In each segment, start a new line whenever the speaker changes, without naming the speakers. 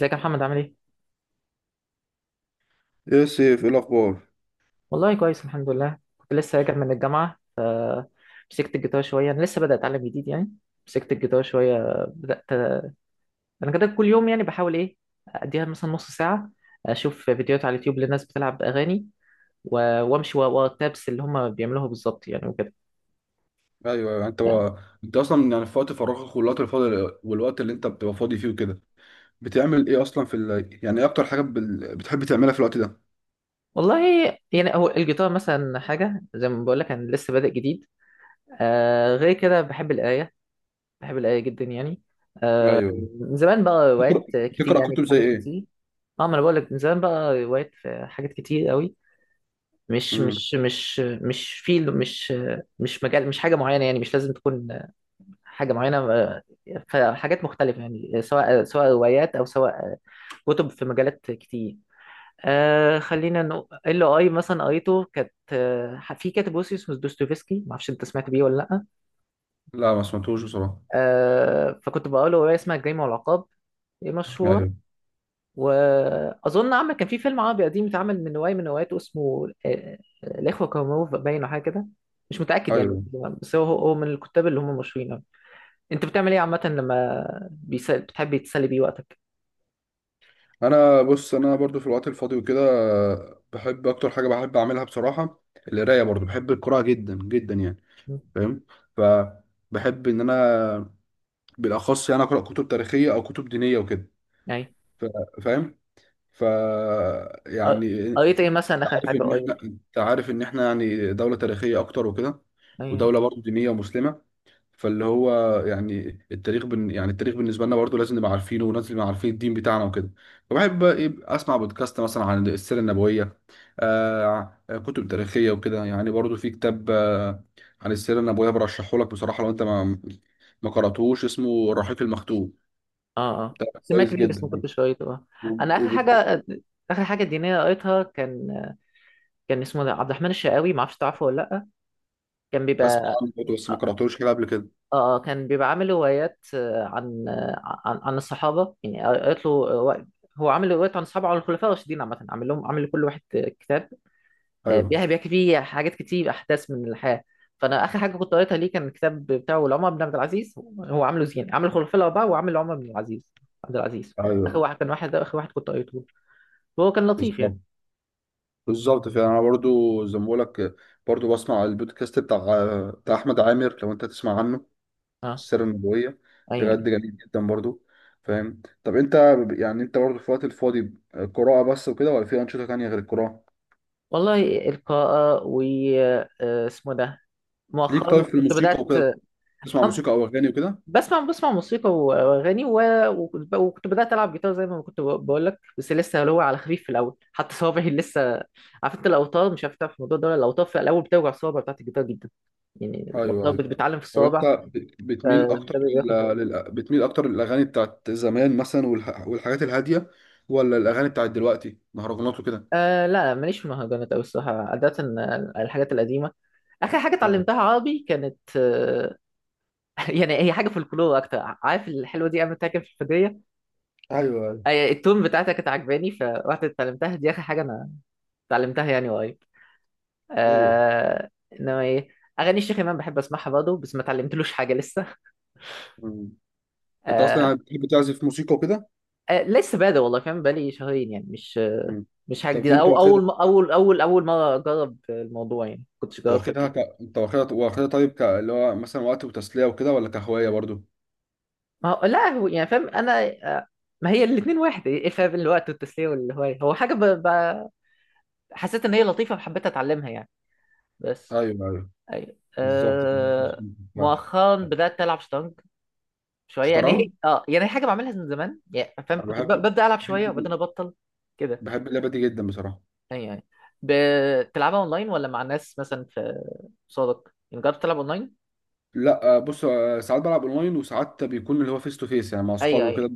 ازيك يا محمد عامل ايه؟
ايه يا سيف، ايه الاخبار؟
والله كويس الحمد لله. كنت لسه راجع من الجامعة فمسكت الجيتار شوية. أنا لسه بدأت أتعلم جديد يعني. مسكت الجيتار شوية، بدأت. أنا كده كل يوم يعني بحاول إيه، أديها مثلا نص ساعة، أشوف فيديوهات على اليوتيوب للناس بتلعب أغاني، و- وأمشي ورا ورا التابس اللي هما بيعملوها بالظبط يعني وكده.
ايوه انت بقى انت اصلا يعني في وقت فراغك والوقت الفاضي والوقت اللي انت بتبقى فاضي فيه وكده، بتعمل ايه اصلا في ال... يعني ايه اكتر حاجه بال بتحب تعملها في الوقت ده؟
والله يعني هو الجيتار مثلا حاجة زي ما بقول لك، أنا لسه بادئ جديد. آه، غير كده بحب القراية، بحب القراية جدا يعني. آه،
ايوه.
من زمان بقى وقعت
تقرا
كتير
تقرا
يعني في
كتب زي
حاجات
ايه؟
كتير. اه، ما انا بقول لك، من زمان بقى وقعت في حاجات كتير قوي. مش
امم
مش مش مش في مش مجال، مش حاجة معينة يعني، مش لازم تكون حاجة معينة. آه، فحاجات مختلفة يعني، سواء روايات او سواء كتب في مجالات كتير. آه، خلينا نقول ال اي مثلا قريته كانت، في كاتب روسي اسمه دوستويفسكي، ما اعرفش انت سمعت بيه ولا لا.
لا، ما سمعتوش بصراحه.
آه، فكنت بقرا رواية اسمها الجريمة والعقاب، هي مشهورة.
ايوه
وأظن عمل كان في فيلم عربي قديم اتعمل من رواية من رواياته اسمه الإخوة كارامازوف باين أو حاجة كده، مش متأكد يعني.
ايوه
بس هو من الكتاب اللي هم مشهورين أوي. أنت بتعمل إيه عامة لما بتحب تسلي بيه وقتك؟
انا بص، انا برضو في الوقت الفاضي وكده بحب اكتر حاجه بحب اعملها بصراحه القرايه، برضو بحب القراءه جدا جدا يعني.
م.
فاهم؟ ف بحب ان انا بالاخص يعني اقرا كتب تاريخيه او كتب دينيه وكده.
يعني
ف- فاهم؟ ف
قر-
يعني
قريت إيه مثلا
انت
آخر
عارف
حاجة
ان احنا،
قريت؟
انت عارف ان احنا يعني دولة تاريخية اكتر وكده،
أي-.
ودولة برضه دينية ومسلمة. فاللي هو يعني التاريخ بالنسبة لنا برضه لازم نبقى عارفينه، ولازم نبقى عارفين الدين بتاعنا وكده. فبحب بقى ايه اسمع بودكاست مثلا عن السيرة النبوية. آه، كتب تاريخية وكده يعني، برضه في كتاب آه عن السيرة النبوية برشحه لك بصراحة، لو انت ما قرأتوش اسمه الرحيق المختوم.
آه آه،
ده
سمعت
كويس
ليه بس ما
جدا يعني.
كنتش قريته. آه، أنا
وب-
آخر
وب-
حاجة، آخر حاجة دينية قريتها كان، كان اسمه ده عبد الرحمن الشقاوي، ما اعرفش تعرفه ولا لأ. كان
اسمع
بيبقى.
عنه برضه، بس ما
اه،
قرأتوش كده قبل كده.
آه، كان بيبقى عامل روايات، آه، عن، عن الصحابه يعني. قريت له رواية-. هو عامل روايات عن الصحابه، عن الخلفاء الراشدين عامه. عامل لهم، عامل لكل واحد آه، كتاب،
ايوه.
بيحكي فيه حاجات كتير، احداث من الحياه. فانا اخر حاجه كنت قريتها ليه كان الكتاب بتاعه لعمر بن عبد العزيز. هو عامله زين، عامل الخلفاء الاربعه، وعامل عمر بن العزيز، عبد العزيز. اخر
ايوه
واحد كان واحد، ده اخر واحد كنت قريته. هو كان لطيف يعني.
بالظبط بالظبط فعلا، انا برضو زي ما بقول لك برضو بسمع البودكاست بتاع احمد عامر، لو انت تسمع عنه.
اه.
السر النبويه، بجد
ايوه،
جميل جدا برضو. فاهم؟ طب انت يعني انت برضو في الوقت الفاضي قراءه بس وكده، ولا في انشطه تانية غير القراءه؟
والله القراءه و آه، اسمه ده،
ليك طيب
مؤخرا
في
كنت
الموسيقى
بدات.
وكده، بتسمع
أم-
موسيقى او اغاني وكده؟
بسمع موسيقى و- واغاني، وكنت بدات العب جيتار زي ما كنت بقول لك، بس لسه اللي هو على خفيف في الاول. حتى صوابعي لسه، عارف انت الاوتار، مش عارف تعرف الموضوع ده ولا، الاوتار في الاول بتوجع الصوابع بتاعت الجيتار جدا. يعني
ايوه
الاوتار
ايوه.
بتعلم في
طب انت
الصوابع،
بتميل اكتر
فده
لل
بياخد وقت.
لل بتميل اكتر للاغاني بتاعت زمان مثلا والحاجات الهاديه، ولا الاغاني بتاعت دلوقتي مهرجانات وكده؟
آه لا لا، ماليش في المهرجانات قوي الصراحه عاده. آه، الحاجات القديمه، اخر حاجه
ايوه
اتعلمتها عربي كانت آه، يعني هي حاجه في الكلور اكتر. عارف الحلوه دي عملتها كده في الفجريه؟
ايوه
آه، التون بتاعتها كانت عجباني فرحت اتعلمتها. دي اخر حاجه انا اتعلمتها يعني قريب.
ايوه.
آه. انما ايه، اغاني الشيخ امام بحب اسمعها برضه بس ما اتعلمتلوش حاجه لسه.
مم. انت اصلا
آه.
يعني بتحب تعزف موسيقى وكده؟
آه، لسه بادئ والله فاهم، بقالي شهرين يعني، مش آه،
مم.
مش حاجه
طب دي
جديده
انت
او
واخدها
اول مره اجرب الموضوع يعني، كنتش جربت
واخدها ك
قبل.
انت واخدها طيب، ك اللي هو مثلا وقت وتسليه وكده، ولا كهوايه برضو؟
ما هو لا، هو يعني فاهم انا، آه، ما هي الاثنين واحد، ايه الفرق بين الوقت والتسليه والهوايه؟ هو حاجه حسيت ان هي لطيفه فحبيت اتعلمها يعني بس.
ايوه ايوه
ايوه
بالظبط.
أه... مؤخرا بدات العب شطرنج شويه. يعني
شطرنج،
هي اه، يعني هي حاجه بعملها من زمان يعني فاهم،
انا
كنت ب-
بحب،
ببدا العب شويه وبعدين
بحب
ابطل كده.
بحب اللعبه دي جدا بصراحه.
يعني يعني بتلعبها اونلاين ولا مع ناس مثلا في صادق؟ يعني جربت تلعب اونلاين؟
لا آه، بص آه، ساعات بلعب اونلاين، وساعات بيكون اللي هو فيس تو فيس يعني مع
ايوه،
اصحابي
ايوه.
وكده.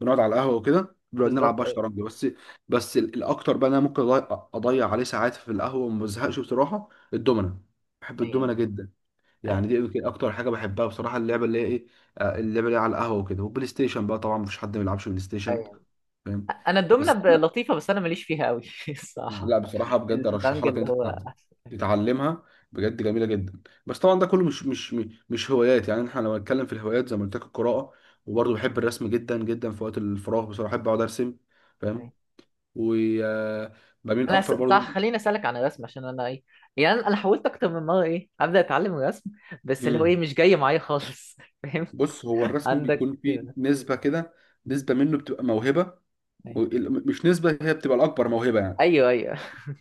بنقعد على القهوه وكده، بنقعد نلعب
بالظبط،
بقى
ايوه.
شطرنج بس. الاكتر بقى إن انا ممكن أضيع، اضيع عليه ساعات في القهوه وما بزهقش بصراحه. الدومنه، بحب
ايوه
الدومنه جدا.
ايوه
يعني دي يمكن اكتر حاجه بحبها بصراحه، اللعبه اللي هي ايه آه، اللعبه اللي هي على القهوه وكده. والبلاي ستيشن بقى طبعا مفيش حد ما بيلعبش بلاي ستيشن.
ايوه
فاهم؟
انا الدومنه
بس
لطيفه بس انا ماليش فيها قوي الصراحه.
لا بصراحة بجد
الشطرنج
أرشحها لك
اللي
إن
هو
أنت
احسن.
تتعلمها، بجد جميلة جدا. بس طبعا ده كله مش هوايات يعني، احنا لو هنتكلم في الهوايات زي ما قلت لك القراءة. وبرضه بحب الرسم جدا جدا، في وقت الفراغ بصراحة بحب أقعد أرسم. فاهم؟
أيوة.
وبميل
انا
أكتر برضه.
صح، خليني اسالك عن الرسم عشان انا ايه، يعني انا أنا حاولت اكتر من مره ايه ابدا اتعلم الرسم، بس اللي هو
مم.
ايه مش جاي معايا خالص فاهم.
بص، هو الرسم
عندك.
بيكون فيه نسبة كده، نسبة منه بتبقى موهبة، مش نسبة، هي بتبقى الأكبر موهبة يعني.
ايوه ايوه.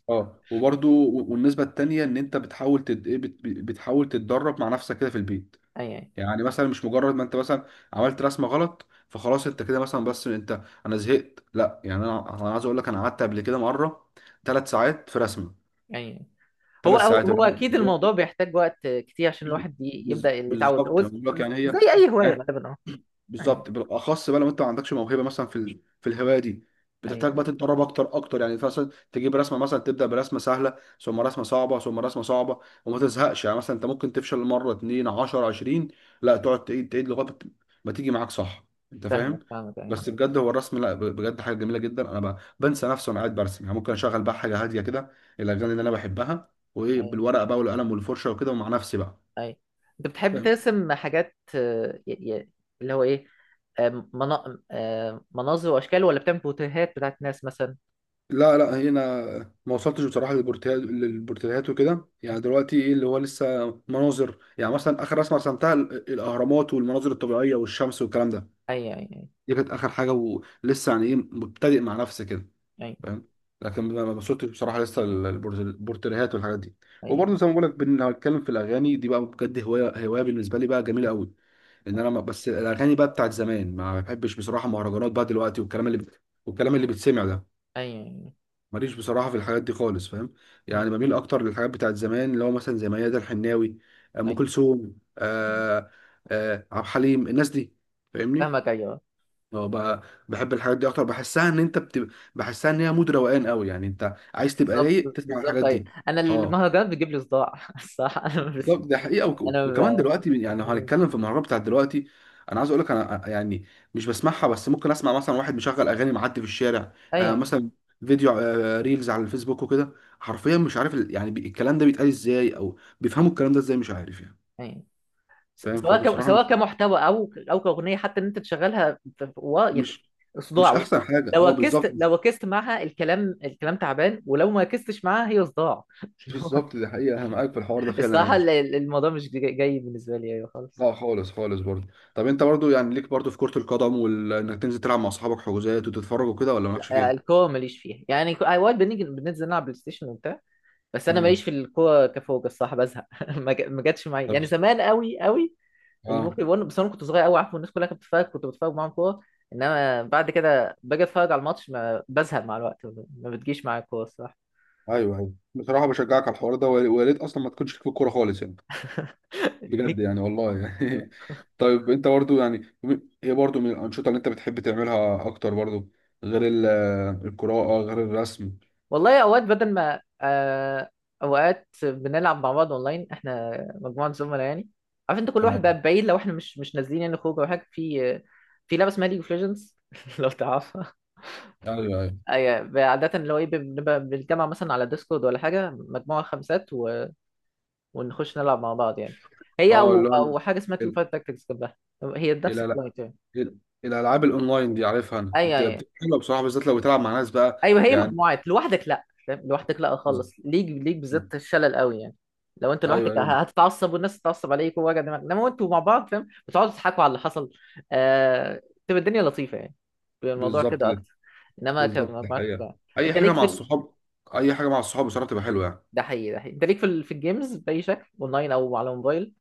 اه، وبرضه والنسبة التانية إن أنت بتحاول بتحاول تتدرب مع نفسك كده في البيت.
اي اي
يعني مثلا مش مجرد ما انت مثلا عملت رسمه غلط فخلاص انت كده مثلا، بس انت، انا زهقت لا. يعني انا، انا عايز اقول لك انا قعدت قبل كده مره ثلاث ساعات في رسمه.
اي. هو
ثلاث
هو
ساعات، اللي
هو
هو
اكيد
اللي هو
الموضوع بيحتاج وقت كتير عشان الواحد يبدا اللي يتعود، هو
بالظبط، أنا بقول لك يعني هي
زي اي هوايه
يعني
غالبا، اه. اي
بالظبط. بالاخص بقى لو انت ما عندكش موهبه مثلا في ال في الهوايه دي، بتحتاج
اي.
بقى تتدرب اكتر اكتر. يعني مثلا تجيب رسمه، مثلا تبدا برسمه سهله، ثم رسمه صعبه، ثم رسمه صعبه، وما تزهقش. يعني مثلا انت ممكن تفشل مره اتنين 10 20، لا تقعد تعيد تعيد لغايه ما ما تيجي معاك صح. انت فاهم؟
فاهمك، فاهمك، اي.
بس بجد هو الرسم لا بجد حاجه جميله جدا. انا بنسى نفسي وانا قاعد برسم، يعني ممكن اشغل بقى حاجه هاديه كده، الاغاني اللي انا بحبها وايه،
اي
بالورقه بقى والقلم والفرشه وكده، ومع نفسي بقى.
اي. انت بتحب ترسم حاجات آه، ي- اللي هو ايه، آه، آه، مناظر واشكال ولا بتعمل بوتيهات بتاعت ناس مثلا؟
لا لا، هنا ما وصلتش بصراحه للبورتاليات وكده. يعني دلوقتي ايه اللي هو لسه مناظر، يعني مثلا اخر رسمه رسمتها الاهرامات والمناظر الطبيعيه والشمس والكلام ده.
اي اي اي.
دي كانت اخر حاجه، ولسه يعني ايه مبتدئ مع نفسي كده.
اي
فاهم؟ لكن ما وصلتش بصراحه لسه للبورتاليات والحاجات دي.
اي
وبرضه زي ما بقول لك، لو هتكلم في الاغاني دي بقى، بجد هوايه، هوايه بالنسبه لي بقى جميله قوي. ان انا بس الاغاني بقى بتاعت زمان. ما بحبش بصراحه مهرجانات بقى دلوقتي، والكلام اللي بيتسمع ده.
اي اي
ماليش بصراحة في الحاجات دي خالص. فاهم؟ يعني بميل أكتر للحاجات بتاعت زمان، اللي هو مثلا زي ميادة الحناوي، آه،
اي.
أم كلثوم،
أي.
آه آه، عبد الحليم، الناس دي. فاهمني؟
فاهمك، ايوه.
اه بقى، بحب الحاجات دي أكتر، بحسها إن أنت بتبقى، بحسها إن هي مود روقان قوي يعني، أنت عايز تبقى
بالظبط،
رايق تسمع
بالظبط،
الحاجات
ايوه.
دي.
انا
اه
المهرجان بيجيب لي صداع الصراحه.
بالظبط، ده حقيقه.
انا
وكمان
ب...
دلوقتي يعني لو هنتكلم في المهرجان بتاع دلوقتي، انا عايز اقول لك انا يعني مش بسمعها، بس ممكن اسمع مثلا واحد مشغل اغاني معدي في الشارع
اي
آه،
يعني.
مثلا فيديو آه ريلز على الفيسبوك وكده، حرفيا مش عارف الكلام ده بيتقال ازاي، او بيفهموا الكلام ده ازاي مش عارف يعني.
اي، س-
فاهم؟
سواء ك...
فبصراحه مش
سواء كمحتوى او او كاغنيه حتى ان انت تشغلها في- في- و... يعني
مش مش
صداع.
احسن حاجه.
لو
اه
ركزت،
بالظبط،
لو ركزت معاها الكلام، الكلام تعبان، ولو ما ركزتش معاها هي صداع اللي هو.
بالظبط ده حقيقه، انا معاك في الحوار ده فعلا
الصراحه
يعني.
الموضوع مش جاي بالنسبه لي ايوه خالص.
لا خالص، خالص برضه. طب انت برضه يعني ليك برضه في كرة القدم، وانك تنزل تلعب مع اصحابك حجوزات وتتفرج وكده، ولا مالكش
لا،
فيها؟
الكوره ماليش فيها يعني. اوقات بنيجي بننزل نلعب بلاي ستيشن وبتاع، بس انا ماليش
امم
في الكوره كفوق الصراحه، بزهق ما جاتش معايا يعني زمان قوي قوي. اللي
اه.
ممكن يقول بس انا كنت صغير قوي، عارف الناس كلها كانت بتتفرج كنت بتفرج معاهم كوره. انما بعد كده باجي اتفرج على الماتش ما بزهق مع الوقت، ما بتجيش معايا الكوره الصراحه.
ايوه ايوه بصراحه، بشجعك على الحوار ده، ويا ريت اصلا ما تكونش ليك في الكوره خالص يعني، بجد
ليك.
يعني والله يعني. طيب انت برضو يعني ايه برضو من الانشطه اللي انت بتحب تعملها اكتر برضو، غير القراءه، غير الرسم؟
والله اوقات بدل ما آه، اوقات بنلعب مع بعض اونلاين احنا، مجموعه زملاء يعني. عارف انت كل واحد
تمام.
بقى بعيد، لو احنا مش نازلين يعني خروج او حاجه، في في لعبه اسمها ليج اوف ليجندز لو تعرفها.
ايوه ايوه.
اي. عاده اللي هو ايه، بنبقى بنتجمع مثلا على ديسكورد ولا حاجه، مجموعه خمسات، ونخش نلعب مع بعض يعني. هي
اه
او
اللي هو
او حاجه اسمها تيم
ال-
فايت تاكتكس جنبها، هي نفس
لا لا،
الكلاينت يعني.
ال- الالعاب الاونلاين دي عارفها انا،
ايوه ايوه
حلوه بصراحه، بالذات لو بتلعب مع ناس بقى
ايوه. هي
يعني.
مجموعات لوحدك لا، فاهم لوحدك لا خالص، ليك ليك بالذات الشلل قوي يعني. لو انت
ايوه
لوحدك
ايوه
هتتعصب، والناس تتعصب عليك، ووجع دماغ. انما انتوا مع بعض فاهم، بتقعدوا تضحكوا على اللي حصل. آه... تبقى الدنيا لطيفه يعني، بيبقى الموضوع
بالظبط،
كده
ده
اكتر. انما
بالظبط ده
كمجموعات
الحقيقه،
لا.
اي
انت
حاجه
ليك
مع
في ال...؟
الصحاب، اي حاجه مع الصحاب بصراحه بتبقى حلوه يعني.
ده حقيقي، ده حقيقي. انت ليك في ال... في الجيمز باي شكل، اونلاين او على موبايل،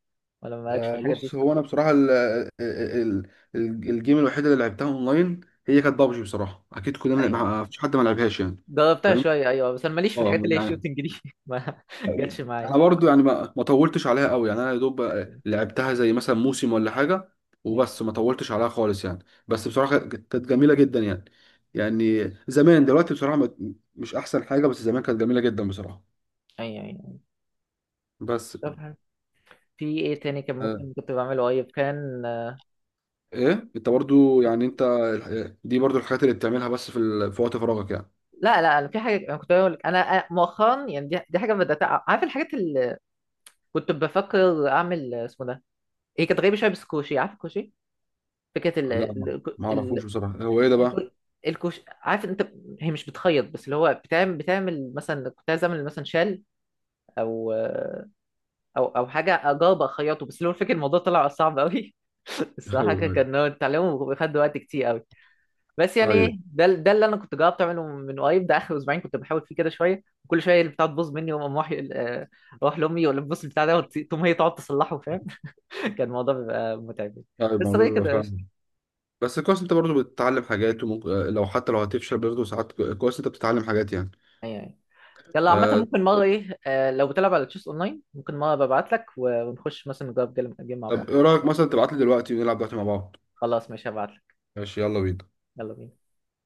ولا مالكش في
آه،
الحاجات دي؟
بص هو انا بصراحه ال آه، ال ال الجيم الوحيده اللي لعبتها اونلاين هي كانت بابجي بصراحه. اكيد كلنا
ايوه.
ما فيش حد ما لعبهاش يعني.
جربتها
فاهم؟
شوية أيوة، بس أنا ماليش في
اه
الحاجات اللي هي
يعني،
الشوتنج دي ما جاتش معايا.
انا برضو يعني ما طولتش عليها قوي يعني، انا يا دوب آه،
أيوة،
لعبتها زي مثلا موسم ولا حاجه وبس، ما طولتش عليها خالص يعني. بس بصراحه كانت جميله جدا يعني. يعني زمان، دلوقتي بصراحه مش احسن حاجه، بس زمان كانت جميله جدا بصراحه.
أيوة، أيوة.
بس
طب حلو. في إيه تاني كان
آه،
ممكن كنت بعمله قريب، كان،
ايه انت برضو يعني انت دي برضو الحاجات اللي بتعملها بس في في وقت فراغك يعني؟
لا لا، أنا في حاجة، أنا كنت بقول لك، أنا مؤخرا يعني، دي حاجة بدأت عارف الحاجات اللي كنت بفكر أعمل، اسمه ده، هي كانت غريبة شوية، بس كوشي، عارف الكوشي؟ فكرة ال
لا، ما
ال ال
اعرفوش بصراحه، هو ايه ده بقى؟
الكو- الكوش، عارف أنت. هي مش بتخيط، بس اللي هو بتعمل مثلا، كنت عايز أعمل مثلا شال، أو او حاجه اجاوب اخيطه بس لو، الفكره الموضوع طلع صعب قوي الصراحه.
ايوه
كان
ايوه
كان هو التعليم بياخد وقت كتير قوي. بس يعني
ايوه
ايه، ده اللي انا كنت جربت اعمله من قريب، ده اخر اسبوعين كنت بحاول فيه كده شويه، وكل شويه البتاع تبوظ مني، واقوم رايح آه، اروح لامي ولا تبص البتاع ده، تقوم هي تقعد تصلحه فاهم، كان الموضوع بيبقى متعب.
ايوه،
بس هو
الموضوع
إيه،
بيبقى
كده
فاهم.
قشطة.
بس كويس انت برضو بتتعلم حاجات، وممكن آه، لو حتى لو هتفشل برضو ساعات، كويس انت بتتعلم حاجات يعني.
ايوه، أيوة. يلا عامة،
آه.
ممكن مرة ايه آه، لو بتلعب على تشيس اونلاين، ممكن مرة ببعت لك، ونخش مثلا نجرب جيم مع بعض.
طب ايه رايك مثلا تبعت لي دلوقتي ونلعب دلوقتي مع بعض؟
خلاص، ماشي، هبعت لك.
ماشي، يلا بينا.
يلا بينا.